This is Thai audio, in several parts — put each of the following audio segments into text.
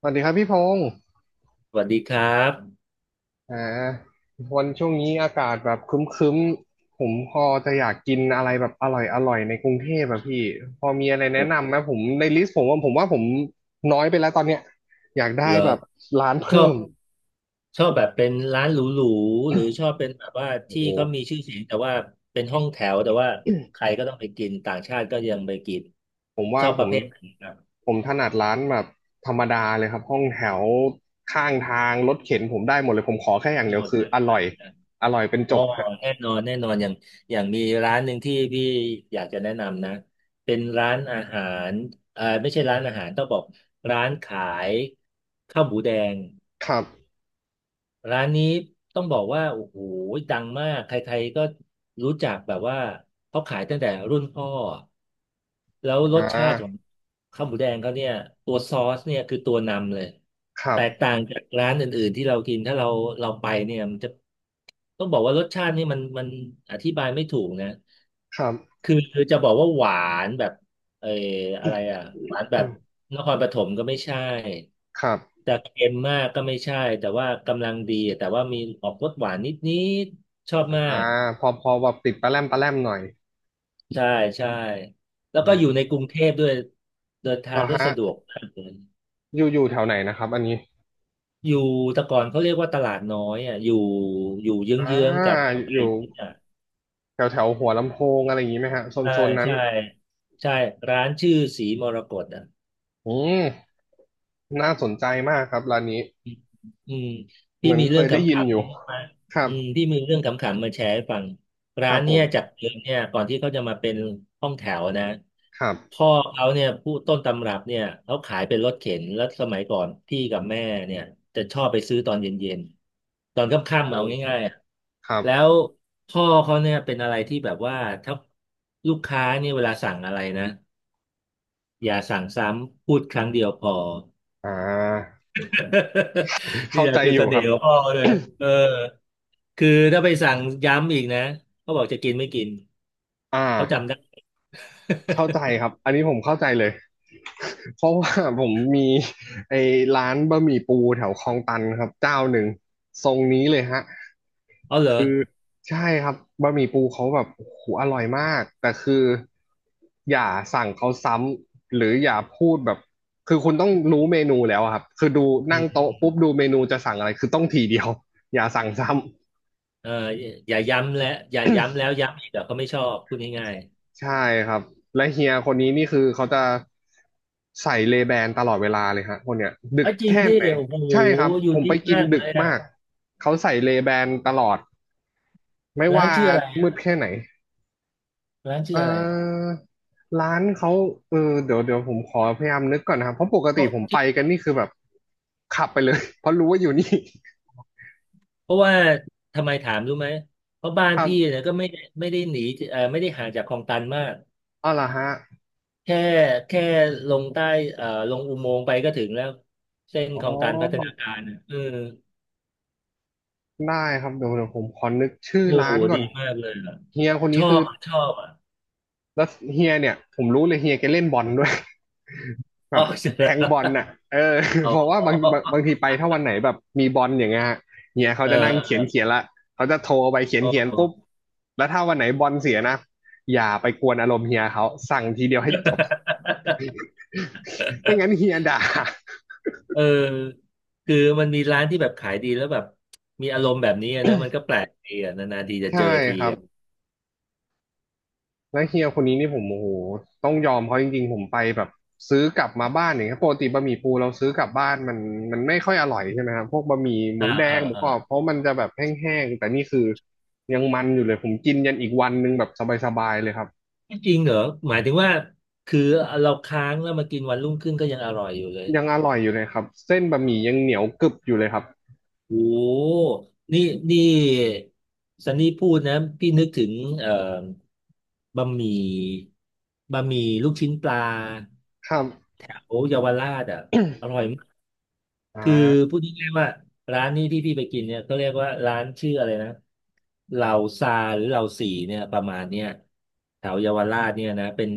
สวัสดีครับพี่พงศ์สวัสดีครับอ่าวันช่วงนี้อากาศแบบครึ้มๆผมพอจะอยากกินอะไรแบบอร่อยอร่อยในกรุงเทพอะพี่พอมีอะไรผแนะมนำไหมผมในลิสต์ผมว่าผมน้อยไปแล้วตอนเนี้ยอยากได้เหรอแบบร้านชอเพิ่บมชอบแบบเป็นร้านหรูๆหรือชอบเป็นแบบว่าโอ้ที่โหเขามีชื่อเสียงแต่ว่าเป็นห้องแถวแต่ว่าใครก็ต้องไปกินต่างชาติก็ยังไปกินผมชว่าอบผประมเภทไหนครับผมถนัดร้านแบบธรรมดาเลยครับห้องแถวข้างทางรถเข็นผมได้หมดเลยผมขอแค่อย่างเดียหวมดคือเลยอได้ร่อยได้อร่อยเป็นอ๋จอบฮะแน่นอนแน่นอนอย่างอย่างมีร้านหนึ่งที่พี่อยากจะแนะนำนะเป็นร้านอาหารไม่ใช่ร้านอาหารต้องบอกร้านขายข้าวหมูแดง ครับร้านนี้ต้องบอกว่าโอ้โหดังมากใครๆก็รู้จักแบบว่าเขาขายตั้งแต่รุ่นพ่อแล้วรอ่สชาติของาข้าวหมูแดงเขาเนี่ยตัวซอสเนี่ยคือตัวนำเลยครัแตบกต่างจากร้านอื่นๆที่เรากินถ้าเราเราไปเนี่ยมันจะต้องบอกว่ารสชาตินี่มันอธิบายไม่ถูกนะครับ คือจะบอกว่าหวานแบบ เอออะไรอ่ะหวานแบบนครปฐมก็ไม่ใช่ ครับ แต่เค็มมากก็ไม่ใช่แต่ว่ากำลังดีแต่ว่ามีออกรสหวานนิดๆชอบมาอ่ากพอแบบติดปลาแรมปลาแรมหน่อยใช่ใช่แล้วอืก็อยู่ในกรุงมเทพด้วยเดินเหทารงอได้ฮะสะดวกมากเลยอยู่แถวไหนนะครับอันนี้อยู่แต่ก่อนเขาเรียกว่าตลาดน้อยอ่ะอยู่เยอ่าื้องๆกับไทอยู่ยอ่ะแถวแถวหัวลำโพงอะไรอย่างนี้ไหมฮะโซนใช่โซนนั้นใช่ใช่ร้านชื่อสีมรกตอ่ะ อืมน่าสนใจมากครับร้านนี้อืมเหที่มือนมีเคเรื่อยงได้ขำยินอยู่ๆมาครัอืบมที่มีเรื่องขำๆมาแชร์ให้ฟังคร้ารันบผเนี่ยจามกเดิมเนี่ยก่อนที่เขาจะมาเป็นห้องแถวนะครับพ่อเขาเนี่ยผู้ต้นตำรับเนี่ยเขาขายเป็นรถเข็นแล้วสมัยก่อนพี่กับแม่เนี่ยจะชอบไปซื้อตอนเย็นๆตอนคโอ่ำๆเอา้ง่ายๆอะครับแล้วพ่อเขาเนี่ยเป็นอะไรที่แบบว่าถ้าลูกค้าเนี่ยเวลาสั่งอะไรนะอย่าสั่งซ้ำพูดครั้งเดียวพอ อ่า นี่เข้าแหละใจคืออยู่เสคน่รับ ห์ของพ่อเลย เออคือถ้าไปสั่งย้ำอีกนะ เขาบอกจะกินไม่กิน อ่า เขาจำได้ เข้าใจครับอันนี้ผมเข้าใจเลย เพราะว่าผมมี ไอ้ร้านบะหมี่ปูแถวคลองตันครับเจ้าหนึ่งทรงนี้เลยฮะเอาเหรอใช่ครับบะหมี่ปูเขาแบบโอ้โหอร่อยมากแต่คืออย่าสั่งเขาซ้ำหรืออย่าพูดแบบคือคุณต้องรู้เมนูแล้วอะครับคือดูอืนั่งมโต๊ะปุ๊บดูเมนูจะสั่งอะไรคือต้องทีเดียว อย่าสั่งซ้ำ เอออย่าย้ำและอย่าย้ำแล้วย้ำอีกเดี๋ยวเขาไม่ชอบพูดง่ายใช่ครับและเฮียคนนี้นี่คือเขาจะใส่เลแบนตลอดเวลาเลยฮะคนเนี้ยๆดึเอ้กยจริงแค่ดิไหนโอ้โหใช่ครับยูผมนิไปคกินมากเลดึกยอ่ะมากเขาใส่เลแบนตลอดไม่ร้านว่าชื่ออะไรมืดอ่ะแค่ไหนร้านชื่อเอ่อะไรอร้านเขาเออเดี๋ยวผมขอพยายามนึกก่อนนะครับเพราะปกเพติราะผมไปกันนี่คือแบบขับไปเลย เพราะรู้ว่าอยู่นี่ เพราะว่าทำไมถามรู้ไหม เพราะบ้า นครับพี่เนี่ยก็ไม่ได้หนีเออไม่ได้ห่างจากคลองตันมาก เอาล่ะฮะแค่แค่ลงใต้ลงอุโมงค์ไปก็ถึงแล้วเส้นอ๋คลองตันพัฒอนาการอ่ะเออได้ครับเดี๋ยวผมขอนึกชื่อโอ้ร้าโหนก่อนดีมากเลยอ่ะเฮียคนชนี้อคือ บชอบอ่ะแล้วเฮียเนี่ยผมรู้เลยเฮียแกเล่นบอลด้วย แบอ๋อบเสร็จแทแล้วงบอลน่ะเออ อ๋เพราะว่าบางอบางบางทีไปถ้าวันไหนแบบมีบอลอย่างเงี้ยฮะเฮียเขาเออจะนั่งเอเขีอยนเขียนละเขาจะโทรไปเขียนอ๋เขียนปุ๊บอแล้วถ้าวันไหนบอลเสียนะอย่าไปกวนอารมณ์เฮียเขาสั่งทีเดียวให้จบไม่งั้นเฮียด่า เออคือมันมีร้านที่แบบขายดีแล้วแบบมีอารมณ์แบบนี้อะนะมันก็แปลกดีอ่ะนานๆทีจะใช่เจอทีครับ อ่ะแล้วเฮียคนนี้นี่ผมโอ้โหต้องยอมเขาจริงๆผมไปแบบซื้อกลับมาบ้านอย่างเงี้ยปกติบะหมี่ปูเราซื้อกลับบ้านมันไม่ค่อยอร่อยใช่ไหมครับพวกบะหมี่หมูอ่าแดอ่างหมูอ่ากรอบเพราะมันจะแบบแห้งๆแต่นี่คือยังมันอยู่เลยผมกินยันอีกวันหนึงแบบสบายๆเลยครับจริงเหรอหมายถึงว่าคือเราค้างแล้วมากินวันรุ่งขึ้นก็ยังอร่อยอยู่เลย ยังอร่อยอยู่เลยครับเส้นบะหมี่ยังเหนียวกรึบอยู่เลยครับโอ้นี่นี่ซันนี่พูดนะพี่นึกถึงเอ่อบะหมี่บะหมี่ลูกชิ้นปลาครับ แถวเยาวราชอ่ะอร่อยมาก อ่าคือพูดง่ายๆว่าร้านนี้ที่พี่ไปกินเนี่ยเขาเรียกว่าร้านชื่ออะไรนะเหล่าซาหรือเหล่าสี่เนี่ยประมาณเนี้ยแถวเยาวราชเนี่ยนะเป็น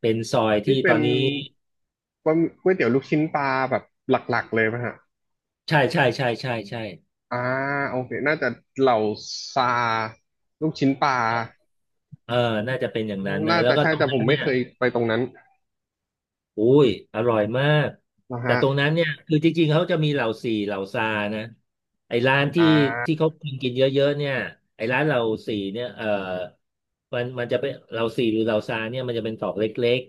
เป็นซอยที่นี่ตเป็อนนนี้บะหมี่ก๋วยเตี๋ยวลูกชิ้นปลาแบบหลักๆเลยไหมฮะใช่ใช่ใช่ใช่ใช่อ่าโอเคน่าจะเหล่าซาลูกชิ้นปลา เออน่าจะเป็นอย่างนั้นนะน่าแล้วจะก็ใช่ตรงแต่ผนั้มนไม่เนี่ย เคยไปตรงนั้นอุ้ยอร่อยมากนะแต่ฮะตรงนั้นเนี่ยคือจริงๆเขาจะมีเหล่าสี่เหล่าซานะไอ้ร้านอ่ที่ที่าเขากินกินเยอะๆเนี่ยไอ้ร้านเหล่าสี่เนี่ยเออมันจะเป็นเหล่าสี่หรือเหล่าซาเนี่ยมันจะเป็นตอกเล็ก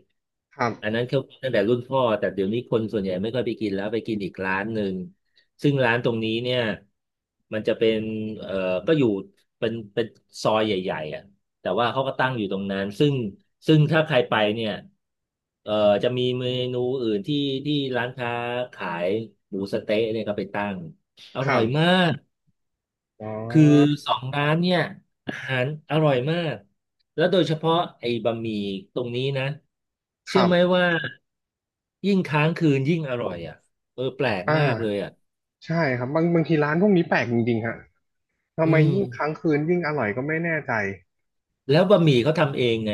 ครัๆอันบนั้นเขาตั้งแต่รุ่นพ่อแต่เดี๋ยวนี้คนส่วนใหญ่ไม่ค่อยไปกินแล้วไปกินอีกร้านหนึ่งซึ่งร้านตรงนี้เนี่ยมันจะเป็นเออก็อยู่เป็นซอยใหญ่ๆอ่ะ แต่ว่าเขาก็ตั้งอยู่ตรงนั้นซึ่งถ้าใครไปเนี่ยเอ่อจะมีเมนูอื่นที่ที่ร้านค้าขายหมูสะเต๊ะเนี่ยก็ไปตั้งอคร่รัอยมาบกอ๋อคือสองร้านเนี่ยอาหารอร่อยมากแล้วโดยเฉพาะไอ้บะหมี่ตรงนี้นะคเชื่รัอไหมบว่ายิ่งค้างคืนยิ่งอร่อยอ่ะเออแปลกอ่มากเลยาอ่ะใช่ครับบางทีร้านพวกนี้แปลกจริงๆฮะทำอืไมยิ่งค้ามงคืนยิ่งอร่อยก็ไม่แน่ใจแล้วบะหมี่เขาทำเองไง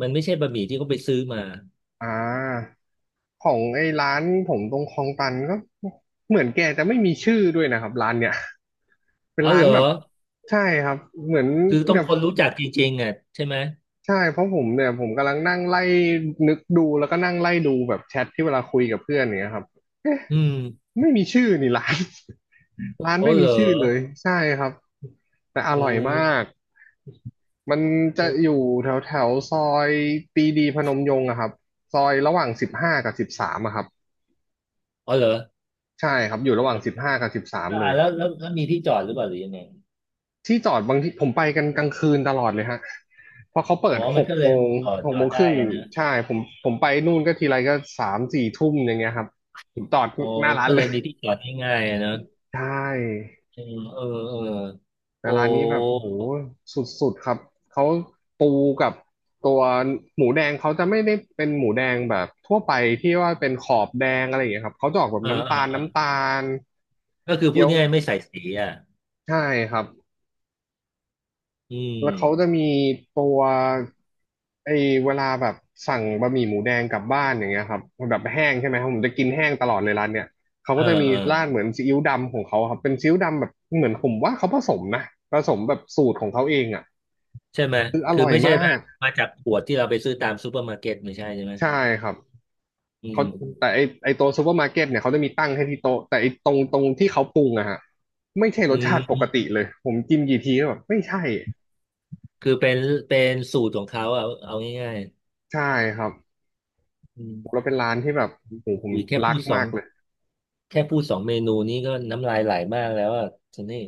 มันไม่ใช่บะหมี่ที่เขาไปซื้อมาอ่าของไอ้ร้านผมตรงคลองตันก็เหมือนแกจะไม่มีชื่อด้วยนะครับร้านเนี่ยเป็นอ๋อร้าเหรนอ แบบใช่ครับเหมือนคือต้องเนี่ย คนรู้จักจริงๆอ่ะใช่ไหมใช่เพราะผมเนี่ยผมกำลังนั่งไล่นึกดูแล้วก็นั่งไล่ดูแบบแชทที่เวลาคุยกับเพื่อนอย่างเงี้ยครับเอ๊ะอืมไม่มีชื่อนี่ร้าน ร้านโอ้ไม่เหรมีอชื่อเลยใช่ครับแต่อโอ้ร่อยมากมันจะโอ้อยู่แถวแถวซอยปรีดีพนมยงค์อะครับซอยระหว่างสิบห้ากับสิบสามอะครับอ๋อเหรอใช่ครับอยู่ระหว่างสิบห้ากับสิบสามเลอ่าย แล้วแล้วแล้วมีที่จอดหรือเปล่าหรือยังไงที่จอดบางที่ผมไปกันกลางคืนตลอดเลยฮะ เพราะเขาเปิอ๋อดหมันกก็เลโมยงจอดหกจอโมดงคได้รึ่งอะนะใช่ผมผมไปนู่นก็ทีไรก็3-4 ทุ่มอย่างเงี้ยครับผมจอดอ๋อหน้าร้านก็เลเลย ย มีที่จอดง่ายๆอะนะใช่อืมเออเออแต่โอ้ร้านนี้แบบโหสุดๆครับเขาปูกับตัวหมูแดงเขาจะไม่ได้เป็นหมูแดงแบบทั่วไปที่ว่าเป็นขอบแดงอะไรอย่างเงี้ยครับเขาจะออกแบบเออน้ำเออตาลเออน้ำตาลก็คือพูเกี๊ยดวง่ายๆไม่ใส่สีอ่ะใช่ครับ อืแล้วเขาจะมมีตัวไอ้เวลาแบบสั่งบะหมี่หมูแดงกลับบ้านอย่างเงี้ยครับมันแบบแห้งใช่ไหมครับผมจะกินแห้งตลอดเลยร้านเนี่ยเขาเอก็อจะมีเออราดเหมือนซีอิ๊วดำของเขาครับเป็นซีอิ๊วดำแบบเหมือนผมว่าเขาผสมนะผสมแบบสูตรของเขาเองอ่ะใช่ไหมคืออคือร่อยไม่ใช่มาแบบกมาจากขวดที่เราไปซื้อตามซูเปอร์มาร์เก็ตไม่ใช่ใช่ไหมใช่ครับอืเขามแต่ไอตัวซูเปอร์มาร์เก็ตเนี่ยเขาจะมีตั้งให้ที่โต๊ะแต่ไอตรงที่เขาปรุงอะฮะไม่ใช่รอืสชาติปกมติเลยผมกินกี่ทีก็แบบไม่ใช่คือเป็นสูตรของเขาเอาง่ายใช่ครับๆอืม แล้วเป็นร้านที่แบบโหผมอีกรักมากเลย แค่พูดสองเมนูนี้ก็น้ำลายไหลมากแล้วอ่ะซันนี่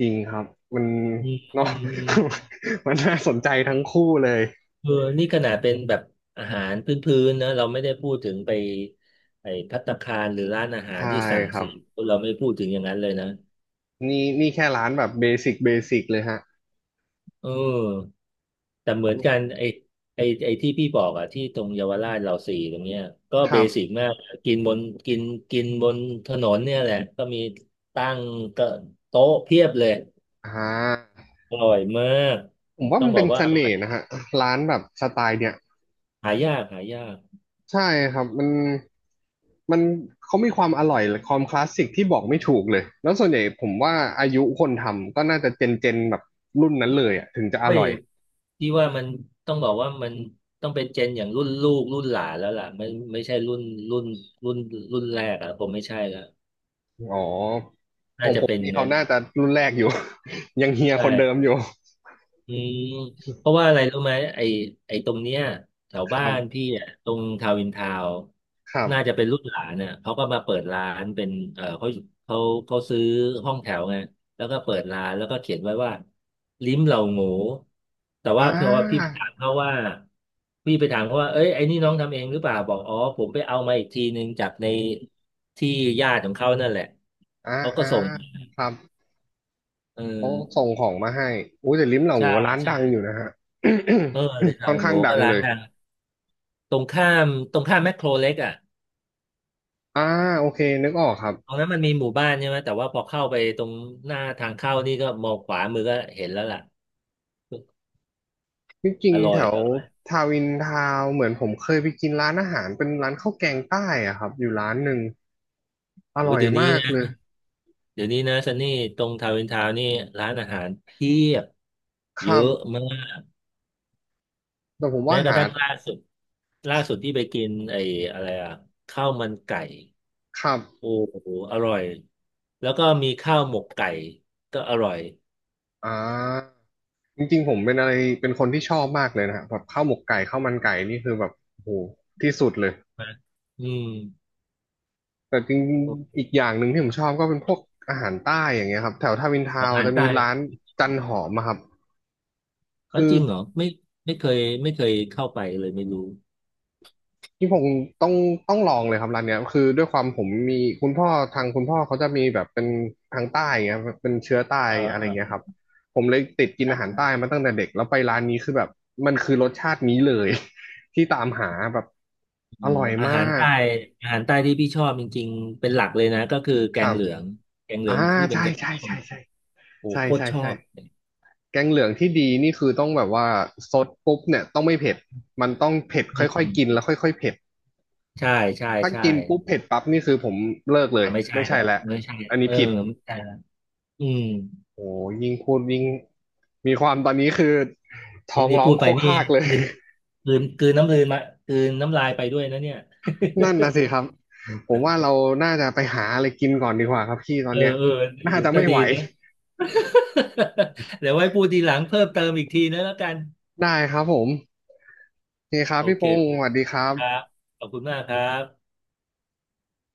จริงครับมัน อืม เนอือะ มอืม มันน่าสนใจทั้งคู่เลยเออนี่ขนาดเป็นแบบอาหารพื้นๆนะเราไม่ได้พูดถึงไปไอ้ภัตตาคารหรือร้านอาหารใช่ที่สั่งครัซื้บอเราไม่พูดถึงอย่างนั้นเลยนะนี่นี่แค่ร้านแบบเบสิกเบสิกเลยฮะเออแต่เหมือนกันไอ้ที่พี่บอกอ่ะที่ตรงเยาวราชเราสี่ตรงเนี้ยก็คเบรัสิกบมากกินบนกินกินบนถนนเนี่ยแหละก็มีตั้งก็โต๊ะเพียบเลยอ่าอร่อยมากผมว่าต้อมังนบเป็อกนเสว่า น่ห์นะฮะร้านแบบสไตล์เนี่ยหายากใช่ครับมันเขามีความอร่อยและความคลาสสิกที่บอกไม่ถูกเลยแล้วส่วนใหญ่ผมว่าอายุคนทำก็น่าจะเจนแบบรุ่นนั้นเลยอ่ะถึงจะอเฮ้ยร่อยที่ว่ามันต้องบอกว่ามันต้องเป็นเจนอย่างรุ่นลูกรุ่นหลานแล้วล่ะไม่ไม่ใช่รุ่นรุ่นรุ่นแรกอ่ะผมไม่ใช่แล้วอ๋อขน่าองจะผมเป็นนี่เขางั้นน่าอะจะรุ่นแรกอยู่ ยังเฮียคนเดิมใช่ อยู่อืมเพราะว่าอะไรรู้ไหมไอ้ไอ้ตรงเนี้ยแถวคบ้ารับนพี่อ่ะตรงทาวินทาวครับ น่าจะเป็นลูกหลานเนี่ยเขาก็มาเปิดร้านเป็นเออเขาเขาซื้อห้องแถวไงแล้วก็เปิดร้านแล้วก็เขียนไว้ว่าลิ้มเหล่าโง่แต่อ่ว่าเพราะว่าาพี่ไปถามเขาว่าเอ้ยไอ้นี่น้องทำเองหรือเปล่าบอกอ๋อผมไปเอามาอีกทีนึงจากในที่ญาติของเขานั่นแหละอ่าเขาก็อ่าส่งครับเออเขาส่งของมาให้อู้แต่ลิ้มเหล่าหใช่มูร้านใช่ดังอยู่นะฮะ เออเลย ทาค่องนข้าโง่งดัก็งร้าเลนยดัง ตรงข้ามตรงข้ามแมคโครเล็กอ่ะอ่าโอเคนึกออกครับตรงนั้นมันมีหมู่บ้านใช่ไหมแต่ว่าพอเข้าไปตรงหน้าทางเข้านี่ก็มองขวามือก็เห็นแล้วล่ะที่จริองร่ๆอแถยวอร่อยทาวินทาวน์เหมือนผมเคยไปกินร้านอาหารเป็นร้านข้าวแกงใต้อะครับอยู่ร้านหนึ่งอโอ้ยร่อยเดี๋ยวนี้มากนะเลยเดี๋ยวนี้นะซันนี่ตรงทาวน์อินทาวน์นี่ร้านอาหารเพียบคเยรัอะบมากแต่ผมแม้ว่ากระหาทั่งล่าสุดที่ไปกินไอ้อะไรอ่ะข้าวมันไก่ครับโอ้โหอร่อยแล้วก็มีข้าวหมกไก่ก็อร่อยอ่าจริงๆผมเป็นอะไรเป็นคนที่ชอบมากเลยนะฮะแบบข้าวหมกไก่ข้าวมันไก่นี่คือแบบโอ้โหที่สุดเลย นะอืมแต่จริงๆอีกอย่างหนึ่งที่ผมชอบก็เป็นพวกอาหารใต้อย่างเงี้ยครับแถวทาวินขทาองวน์อาหาจะรมีใต้ ร้านจันหอมอะครับแล้วคือจริงเหรอไม่ไม่เคยไม่เคยเข้าไปเลยไม่รู้ที่ผมต้องต้องลองเลยครับร้านเนี้ยคือด้วยความผมมีคุณพ่อทางคุณพ่อเขาจะมีแบบเป็นทางใต้อย่างเงี้ยเป็นเชื้อใต้เอออะไรเอเงี้ยอครับผมเลยติดกินอาหารใต้มาตั้งแต่เด็กแล้วไปร้านนี้คือแบบมันคือรสชาตินี้เลย ที่ตามหาแบบเอออร่อยอามาหารกใต้อาหารใต้ที่พี่ชอบจริงๆเป็นหลักเลยนะก็คือแกคงรับเหลืองแกงเหลือ่าองคือเป็ใช่นแกงใช่ส้มใช่ใช่โอ้โหใช่โคตรใช่ชอใช่ บแกงเหลืองที่ดีนี่คือต้องแบบว่าซดปุ๊บเนี่ยต้องไม่เผ็ดมันต้องเผ็ดค่อือยๆมกินแล้วค่อยๆเผ็ดใช่ใช่ถ้าใช่กินปุ๊บเผ็ดปั๊บนี่คือผมเลิกเลยอ่าไม่ใช่ไม่แล้ใช่วแล้วไม่ใช่อันเอนี้อผิดไม่ใช่และอืมโอ้ยิ่งพูดยิ่งมีความตอนนี้คือท้นี่องนี่ร้อพูงดโคไปกนี่คากเลย กลืนกลืนน้ำลายมากลืนน้ำลายไปด้วยนะเนี่ย นั่นนะสิครับผมว่าเราน่าจะไปหาอะไรกินก่อนดีกว่าครับพี่ต อเอนอเนี้ยเออน่าจะก็ไม่ดีไหวนะ เดี๋ยวไว้พูดทีหลังเพิ่มเติมอีกทีนะแล้วกันได้ครับผมโอเคครับโอพี่พเค งศ์สวัสดีครับครับขอบคุณมากครับ